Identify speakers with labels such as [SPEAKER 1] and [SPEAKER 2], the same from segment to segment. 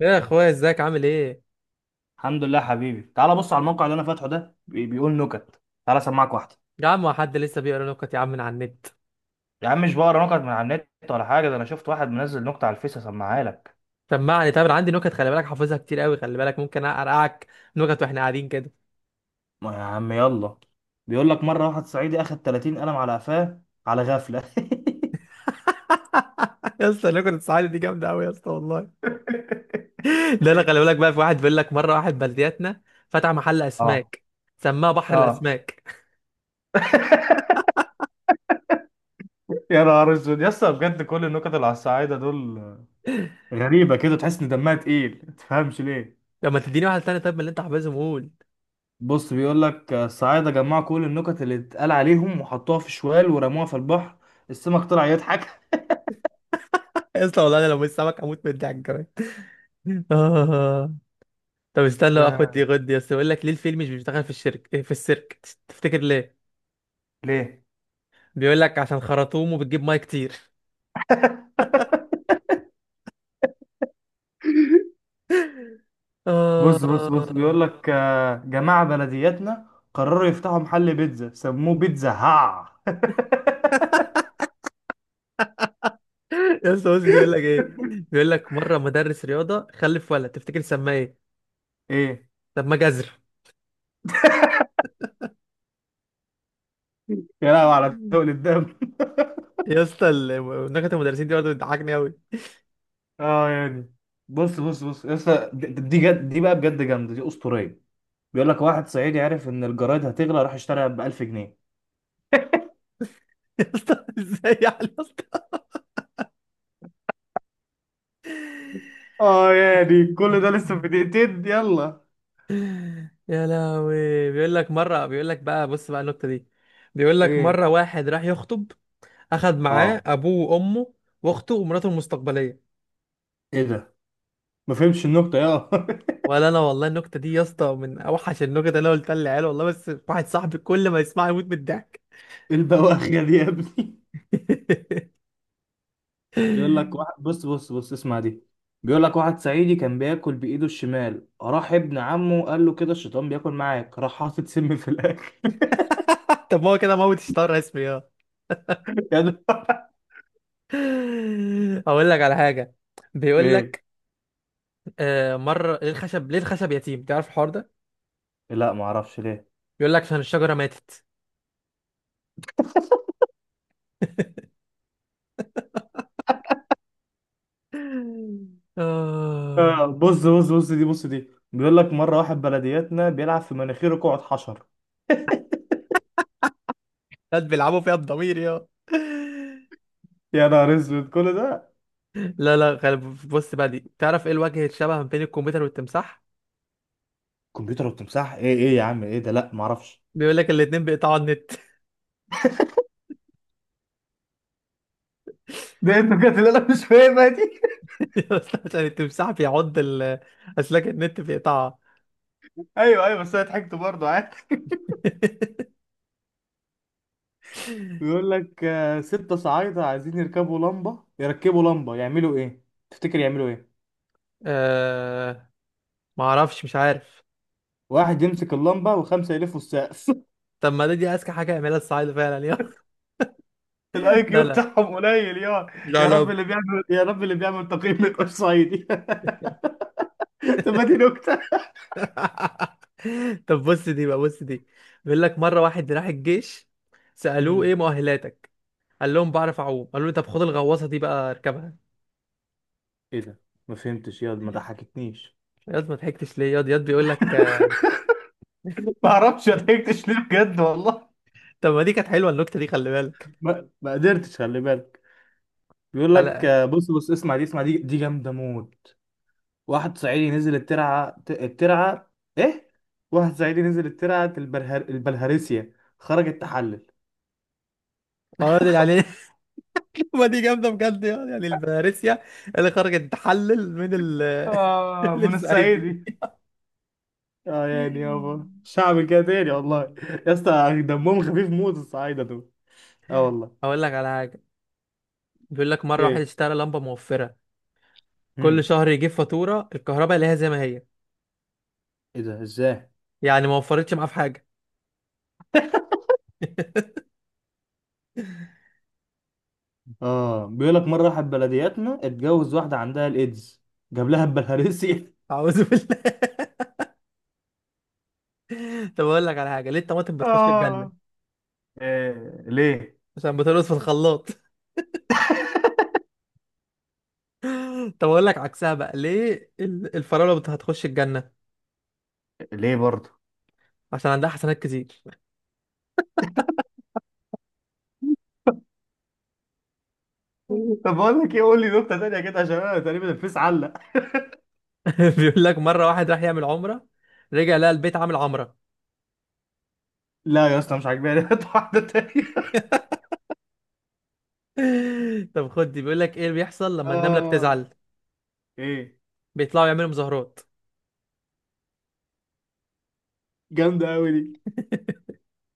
[SPEAKER 1] يا اخويا ازيك عامل ايه؟
[SPEAKER 2] الحمد لله حبيبي، تعالى بص على الموقع اللي انا فاتحه ده، بيقول نكت، تعالى اسمعك واحده.
[SPEAKER 1] يا عم هو حد لسه بيقرا نكت يا عم من على النت؟
[SPEAKER 2] يا عم مش بقرا نكت من على النت ولا حاجه، ده انا شفت واحد منزل نكته على الفيس، اسمعها لك.
[SPEAKER 1] سمعني، طب انا عندي نكت، خلي بالك حافظها كتير قوي، خلي بالك ممكن ارقعك نكت واحنا قاعدين كده.
[SPEAKER 2] ما يا عم يلا. بيقول لك مره واحد صعيدي اخد 30 قلم على قفاه على غفله.
[SPEAKER 1] يا اسطى نكت الصعيدي دي جامده قوي يا اسطى والله. ده انا خلي بالك بقى، في واحد بيقول لك مره واحد بلدياتنا فتح محل
[SPEAKER 2] اه،
[SPEAKER 1] اسماك، سماه بحر
[SPEAKER 2] اه،
[SPEAKER 1] الاسماك.
[SPEAKER 2] يا نهار اسود يا اسطى، بجد كل النكت اللي على الصعايده دول غريبه كده، تحس ان دمها تقيل، ما تفهمش ليه.
[SPEAKER 1] لما تديني واحد تاني طيب من اللي انت حافظهم قول.
[SPEAKER 2] بص، بيقول لك الصعايده جمعوا كل النكت اللي اتقال عليهم وحطوها في شوال ورموها في البحر، السمك طلع يضحك.
[SPEAKER 1] يا اسطى والله انا لو مش سمك هموت من الضحك كمان. آه. طب استنى بقى، خد دي خد دي يا اسطى، بيقول لك ليه الفيل مش بيشتغل في الشركه في السيرك؟ تفتكر ليه؟
[SPEAKER 2] ليه؟
[SPEAKER 1] بيقول لك عشان خرطومه بتجيب ميه كتير.
[SPEAKER 2] بص بص بص،
[SPEAKER 1] آه.
[SPEAKER 2] بيقول لك جماعة بلدياتنا قرروا يفتحوا محل بيتزا سموه بيتزا هاع.
[SPEAKER 1] يا اسطى مسلم بيقول لك ايه، بيقول لك مرة مدرس رياضة خلف ولد، تفتكر سماه ايه؟
[SPEAKER 2] ايه؟
[SPEAKER 1] طب ما جزر.
[SPEAKER 2] يا لهوي على تقل الدم.
[SPEAKER 1] يا اسطى نكت المدرسين دي برضه بتضحكني قوي.
[SPEAKER 2] اه يعني. بص بص بص يا اسطى، دي جد، دي بقى بجد جامده، دي اسطوريه. بيقول لك واحد صعيدي عرف ان الجرايد هتغلى، راح اشتريها ب 1000 جنيه.
[SPEAKER 1] يا اسطى ازاي يعني يا اسطى؟
[SPEAKER 2] اه يعني، كل ده لسه في دقيقتين يلا.
[SPEAKER 1] يا لهوي. بيقول لك مرة، بيقول لك بقى، بص بقى النكتة دي، بيقول لك
[SPEAKER 2] ايه؟
[SPEAKER 1] مرة واحد راح يخطب، أخد معاه
[SPEAKER 2] اه،
[SPEAKER 1] أبوه وأمه وأخته ومراته المستقبلية.
[SPEAKER 2] ايه ده؟ ما فهمتش النكته يا.
[SPEAKER 1] ولا أنا والله النكتة دي يا اسطى من أوحش النكت اللي أنا قلتها للعيال والله، بس واحد صاحبي كل ما يسمعها يموت من الضحك.
[SPEAKER 2] البواخيه دي يا ابني. بيقول لك واحد، بص بص بص اسمع دي. بيقول لك واحد صعيدي كان بياكل بايده الشمال، راح ابن عمه قال له كده الشيطان بياكل معاك، راح حاطط سم في الاكل.
[SPEAKER 1] طب ما هو كده موت اشتهر اسمي اه.
[SPEAKER 2] يا ده،
[SPEAKER 1] اقول لك على حاجه، بيقول
[SPEAKER 2] ايه؟
[SPEAKER 1] لك مره ليه الخشب، ليه الخشب يتيم، تعرف الحوار ده؟
[SPEAKER 2] لا، ما اعرفش ليه.
[SPEAKER 1] بيقول لك عشان الشجره ماتت. آه.
[SPEAKER 2] آه، بص بص بص دي، بص دي، بيقول لك مره واحد بلدياتنا بيلعب في مناخيره، قعد حشر.
[SPEAKER 1] ناس بيلعبوا فيها الضمير يا.
[SPEAKER 2] يا نهار اسود، كل ده؟
[SPEAKER 1] لا لا بص بقى دي، تعرف ايه الوجه الشبه ما بين الكمبيوتر والتمساح؟
[SPEAKER 2] كمبيوتر وتمساح؟ ايه ايه يا عم، ايه ده؟ لا، ما اعرفش.
[SPEAKER 1] بيقول لك الاتنين بيقطعوا النت.
[SPEAKER 2] ده انت بجد، لا لا، مش فاهمها دي.
[SPEAKER 1] يا اسطى عشان التمساح بيعض اسلاك النت بيقطعها.
[SPEAKER 2] ايوه، ايوه، بس انا ضحكت برضه عادي. بيقول لك ستة صعايدة عايزين يركبوا لمبة، يركبوا لمبة يعملوا ايه؟ تفتكر يعملوا ايه؟
[SPEAKER 1] آه. ما اعرفش، مش عارف.
[SPEAKER 2] واحد يمسك اللمبة وخمسة يلفوا السقف.
[SPEAKER 1] طب ما ده دي اذكى حاجه يعملها الصعايده فعلا يا.
[SPEAKER 2] الاي كيو
[SPEAKER 1] لا لا.
[SPEAKER 2] بتاعهم قليل يا.
[SPEAKER 1] لا
[SPEAKER 2] يا رب
[SPEAKER 1] لا.
[SPEAKER 2] اللي بيعمل يا رب اللي بيعمل تقييم ما يبقاش صعيدي. طب ما دي نكتة.
[SPEAKER 1] طب بص دي بقى، بص دي، بيقول لك مره واحد راح الجيش، سالوه ايه
[SPEAKER 2] امم
[SPEAKER 1] مؤهلاتك، قال لهم بعرف اعوم، قالوا له طب خد الغواصه دي بقى اركبها.
[SPEAKER 2] ايه ده؟ ما فهمتش يا، ما ضحكتنيش.
[SPEAKER 1] ياض ما ضحكتش ليه ياض، ياض بيقول لك.
[SPEAKER 2] ما اعرفش ضحكتش ليه بجد والله.
[SPEAKER 1] طب ما دي كانت حلوه النكته دي خلي بالك.
[SPEAKER 2] ما قدرتش، خلي بالك. بيقول
[SPEAKER 1] لا
[SPEAKER 2] لك
[SPEAKER 1] لا.
[SPEAKER 2] بص بص، اسمع دي، اسمع دي، دي جامدة موت. واحد صعيدي نزل الترعه الترعه. ايه؟ واحد صعيدي نزل الترعه البلهارسيا، خرج التحلل.
[SPEAKER 1] اه ده يعني. ما دي جامده بجد، يعني يعني الفارسيا اللي خرجت تحلل من ال.
[SPEAKER 2] آه،
[SPEAKER 1] من
[SPEAKER 2] من
[SPEAKER 1] الصعيدي.
[SPEAKER 2] الصعيدي. اه يعني، يابا شعب كده تاني والله. يا اسطى دمهم خفيف موت الصعايده دول. اه والله.
[SPEAKER 1] هقول لك على حاجه، بيقول لك مره واحد
[SPEAKER 2] ايه؟
[SPEAKER 1] اشترى لمبه موفره، كل
[SPEAKER 2] امم
[SPEAKER 1] شهر يجيب فاتوره الكهرباء اللي هي زي ما هي،
[SPEAKER 2] ايه ده؟ ازاي؟
[SPEAKER 1] يعني ما وفرتش معاه في حاجه.
[SPEAKER 2] اه، بيقول لك مره واحد بلدياتنا اتجوز واحده عندها الايدز، جاب لها البلهارسيا.
[SPEAKER 1] اعوذ بالله. طب اقول لك على حاجه، ليه الطماطم بتخش الجنه؟
[SPEAKER 2] آه، إيه؟ ليه؟
[SPEAKER 1] عشان بترقص في الخلاط. طب اقول لك عكسها بقى، ليه الفراوله هتخش الجنه؟
[SPEAKER 2] ليه برضه؟
[SPEAKER 1] عشان عندها حسنات كتير.
[SPEAKER 2] طب بقول لك إيه، قول لي نكتة تانية كده عشان أنا تقريبا الفيس علق.
[SPEAKER 1] بيقول لك مره واحد راح يعمل عمره، رجع لقى البيت عامل عمره.
[SPEAKER 2] لا يا اسطى، مش عاجباني. هات واحدة تانية.
[SPEAKER 1] طب خد دي، بيقول لك ايه اللي بيحصل لما النمله
[SPEAKER 2] اه،
[SPEAKER 1] بتزعل؟
[SPEAKER 2] ايه،
[SPEAKER 1] بيطلعوا يعملوا مظاهرات.
[SPEAKER 2] جامدة قوي دي.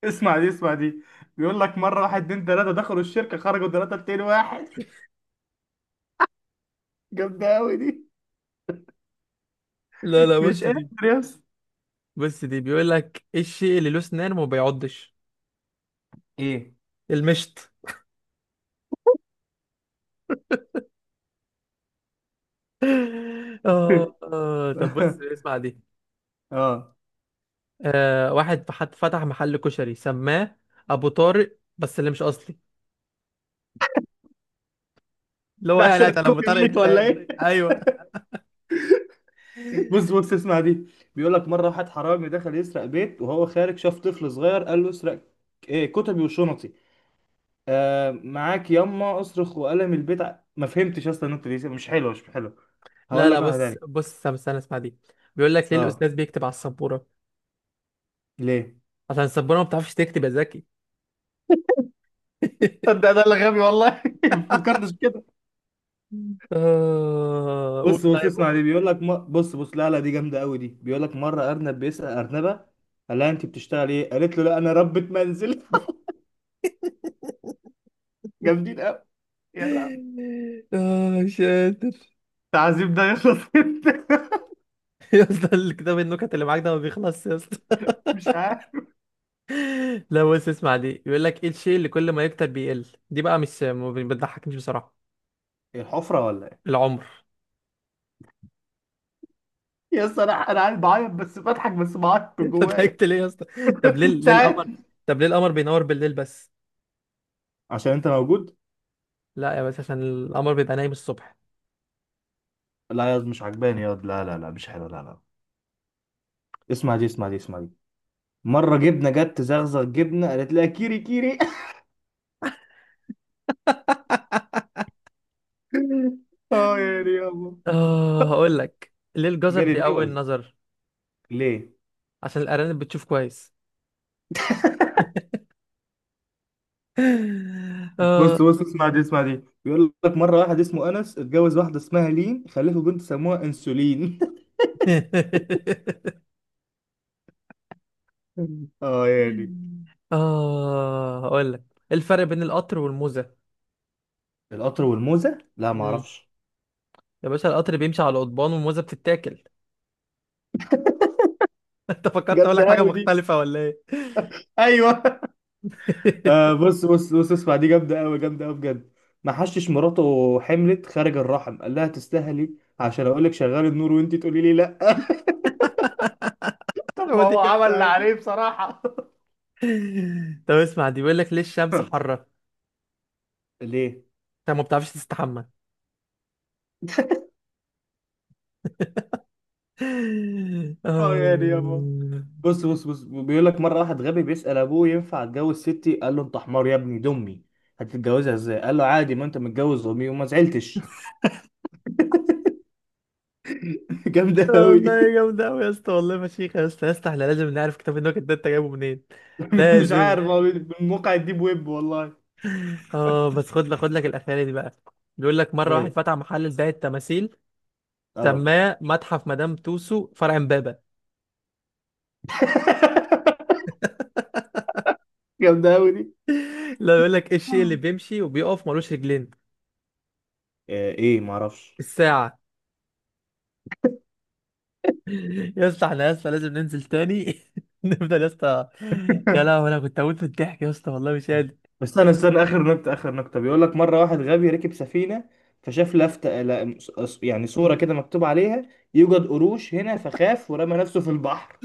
[SPEAKER 2] اسمع دي، اسمع دي، بيقول لك مرة واحد اتنين تلاتة دخلوا الشركة، خرجوا تلاتة اتنين واحد. جامدة قوي دي،
[SPEAKER 1] لا لا
[SPEAKER 2] مش
[SPEAKER 1] بص
[SPEAKER 2] قادر
[SPEAKER 1] دي،
[SPEAKER 2] يا اسطى.
[SPEAKER 1] بص دي، بيقول لك ايه الشيء اللي له اسنان وما بيعضش؟
[SPEAKER 2] ايه؟
[SPEAKER 1] المشط. آه آه، طب بص اسمع دي.
[SPEAKER 2] اه،
[SPEAKER 1] آه واحد فتح محل كشري سماه أبو طارق بس اللي مش أصلي، اللي هو
[SPEAKER 2] ده
[SPEAKER 1] يعني
[SPEAKER 2] عشان
[SPEAKER 1] قاعد على أبو
[SPEAKER 2] الكوبي
[SPEAKER 1] طارق
[SPEAKER 2] رايت ولا
[SPEAKER 1] التاني
[SPEAKER 2] ايه؟
[SPEAKER 1] أيوه.
[SPEAKER 2] بص بص اسمع دي، بيقول لك مرة واحد حرامي دخل يسرق بيت، وهو خارج شاف طفل صغير، قال له اسرق ايه؟ كتبي وشنطي. معاك يما، اصرخ وقلم البيت. ما فهمتش اصلا، النقطه دي مش حلوه، مش حلوه.
[SPEAKER 1] لا
[SPEAKER 2] هقول
[SPEAKER 1] لا
[SPEAKER 2] لك واحده
[SPEAKER 1] بص
[SPEAKER 2] تانية.
[SPEAKER 1] بص استنى استنى، اسمع دي، بيقول لك ليه
[SPEAKER 2] اه.
[SPEAKER 1] الأستاذ بيكتب على السبورة؟
[SPEAKER 2] ليه؟
[SPEAKER 1] عشان السبورة ما بتعرفش تكتب يا زكي.
[SPEAKER 2] صدق، ده اللي غبي والله. ما فكرتش كده.
[SPEAKER 1] آه قول
[SPEAKER 2] بص بص
[SPEAKER 1] طيب
[SPEAKER 2] اسمع دي،
[SPEAKER 1] قول.
[SPEAKER 2] بيقول لك بص بص، لا لا، دي جامده قوي دي. بيقول لك مره ارنب بيسال ارنبه، قال لها انت بتشتغلي ايه، قالت له لا انا ربة منزل. جامدين قوي. يلا،
[SPEAKER 1] آه مش قادر.
[SPEAKER 2] التعذيب ده يخلص امتى؟
[SPEAKER 1] يا اسطى الكتاب النكت اللي معاك ده ما بيخلصش يا اسطى.
[SPEAKER 2] مش عارف.
[SPEAKER 1] لا بص اسمع دي، بيقول لك ايه الشيء اللي كل ما يكتر بيقل؟ دي بقى مش ما بتضحكنيش بصراحه.
[SPEAKER 2] إيه، الحفره ولا ايه؟
[SPEAKER 1] العمر.
[SPEAKER 2] يا اسطى، انا قاعد بعيط، بس بضحك، بس بعيط من
[SPEAKER 1] انت
[SPEAKER 2] جوايا.
[SPEAKER 1] ضحكت ليه يا اسطى؟ طب ليه،
[SPEAKER 2] مش
[SPEAKER 1] ليه
[SPEAKER 2] عارف.
[SPEAKER 1] القمر، طب ليه القمر بينور بالليل بس؟
[SPEAKER 2] عشان انت موجود.
[SPEAKER 1] لا يا بس عشان القمر بيبقى نايم الصبح.
[SPEAKER 2] لا يا، مش عجباني يا واد. لا لا لا، مش حلو، لا لا. اسمع دي، اسمع دي، اسمع دي. مرة جبنة جت تزغزغ جبنة، قالت لها كيري كيري. اه يا ريابو.
[SPEAKER 1] اه هقول لك ليه الجزر
[SPEAKER 2] جالي
[SPEAKER 1] بيقوي
[SPEAKER 2] اللوز.
[SPEAKER 1] النظر؟
[SPEAKER 2] ليه؟
[SPEAKER 1] عشان الارانب بتشوف كويس. اه.
[SPEAKER 2] بص بص اسمع دي، اسمع دي، بيقول لك مرة واحد اسمه أنس اتجوز واحدة اسمها لين، خلفوا بنت سموها أنسولين. اه يا دي.
[SPEAKER 1] اه هقول لك ايه الفرق بين القطر والموزه؟
[SPEAKER 2] القطر والموزة؟ لا معرفش.
[SPEAKER 1] يا باشا القطر بيمشي على قضبان والموزة بتتاكل. انت فكرت اقول لك
[SPEAKER 2] جامدة
[SPEAKER 1] حاجة
[SPEAKER 2] أوي دي.
[SPEAKER 1] مختلفة ولا ايه؟
[SPEAKER 2] ايوه. آه، بص بص بص اسمع دي، جامدة أوي، جامدة أوي بجد. ما حشش مراته حملت خارج الرحم، قال لها تستاهلي، عشان أقول لك شغال النور وأنت تقولي لي لأ. طب
[SPEAKER 1] هو
[SPEAKER 2] ما
[SPEAKER 1] دي
[SPEAKER 2] هو عمل
[SPEAKER 1] جامدة
[SPEAKER 2] اللي
[SPEAKER 1] أوي دي.
[SPEAKER 2] عليه بصراحة.
[SPEAKER 1] طب اسمع دي، بيقول لك ليه الشمس حارة؟
[SPEAKER 2] ليه؟
[SPEAKER 1] انت ما بتعرفش تستحمى.
[SPEAKER 2] اه
[SPEAKER 1] آه.
[SPEAKER 2] يعني يابا. بص بص بص، بيقول لك مرة واحد غبي بيسأل أبوه ينفع أتجوز ستي، قال له أنت حمار يا ابني، دي أمي، هتتجوزها إزاي؟ قال له عادي، ما أنت متجوز أمي وما زعلتش. جامدة أوي دي.
[SPEAKER 1] والله جامدة أوي يا اسطى والله فشيخة يا اسطى، يا اسطى احنا لازم نعرف كتاب النكت ده انت جايبه منين.
[SPEAKER 2] مش
[SPEAKER 1] لازم.
[SPEAKER 2] عارف، هو من موقع الديب ويب والله.
[SPEAKER 1] اه بس خد لك خد لك الأخيرة دي بقى، بيقول لك مرة واحد
[SPEAKER 2] إيه؟
[SPEAKER 1] فتح محل لبيع التماثيل،
[SPEAKER 2] أه.
[SPEAKER 1] سماه متحف مدام توسو فرع امبابة.
[SPEAKER 2] جامدة أوي دي.
[SPEAKER 1] لا بيقول لك ايه الشيء اللي بيمشي وبيقف ملوش رجلين؟
[SPEAKER 2] آه، ايه، معرفش.
[SPEAKER 1] الساعة. يا اسطى احنا يا اسطى لازم ننزل تاني. نفضل يا اسطى. يا لهوي انا كنت هموت من الضحك يا اسطى والله مش قادر.
[SPEAKER 2] بس استنى استنى، اخر نكته اخر نكته، بيقول لك مره واحد غبي ركب سفينه، فشاف لفته، لا، يعني صوره كده مكتوب عليها يوجد قروش هنا، فخاف ورمى نفسه في البحر.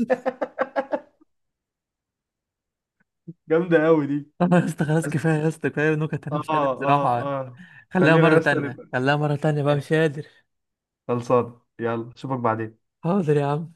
[SPEAKER 2] جامده قوي دي.
[SPEAKER 1] يا اسطى خلاص
[SPEAKER 2] بس-
[SPEAKER 1] كفاية يا اسطى، كفاية نكت انا
[SPEAKER 2] اه،
[SPEAKER 1] مش قادر
[SPEAKER 2] اه،
[SPEAKER 1] بصراحة.
[SPEAKER 2] اه.
[SPEAKER 1] خليها
[SPEAKER 2] خلينا يا
[SPEAKER 1] مرة
[SPEAKER 2] اسطى
[SPEAKER 1] تانية،
[SPEAKER 2] نبقى.
[SPEAKER 1] خليها مرة تانية بقى مش
[SPEAKER 2] ماشي،
[SPEAKER 1] قادر.
[SPEAKER 2] خلصان، يلا اشوفك بعدين.
[SPEAKER 1] حاضر يا عم.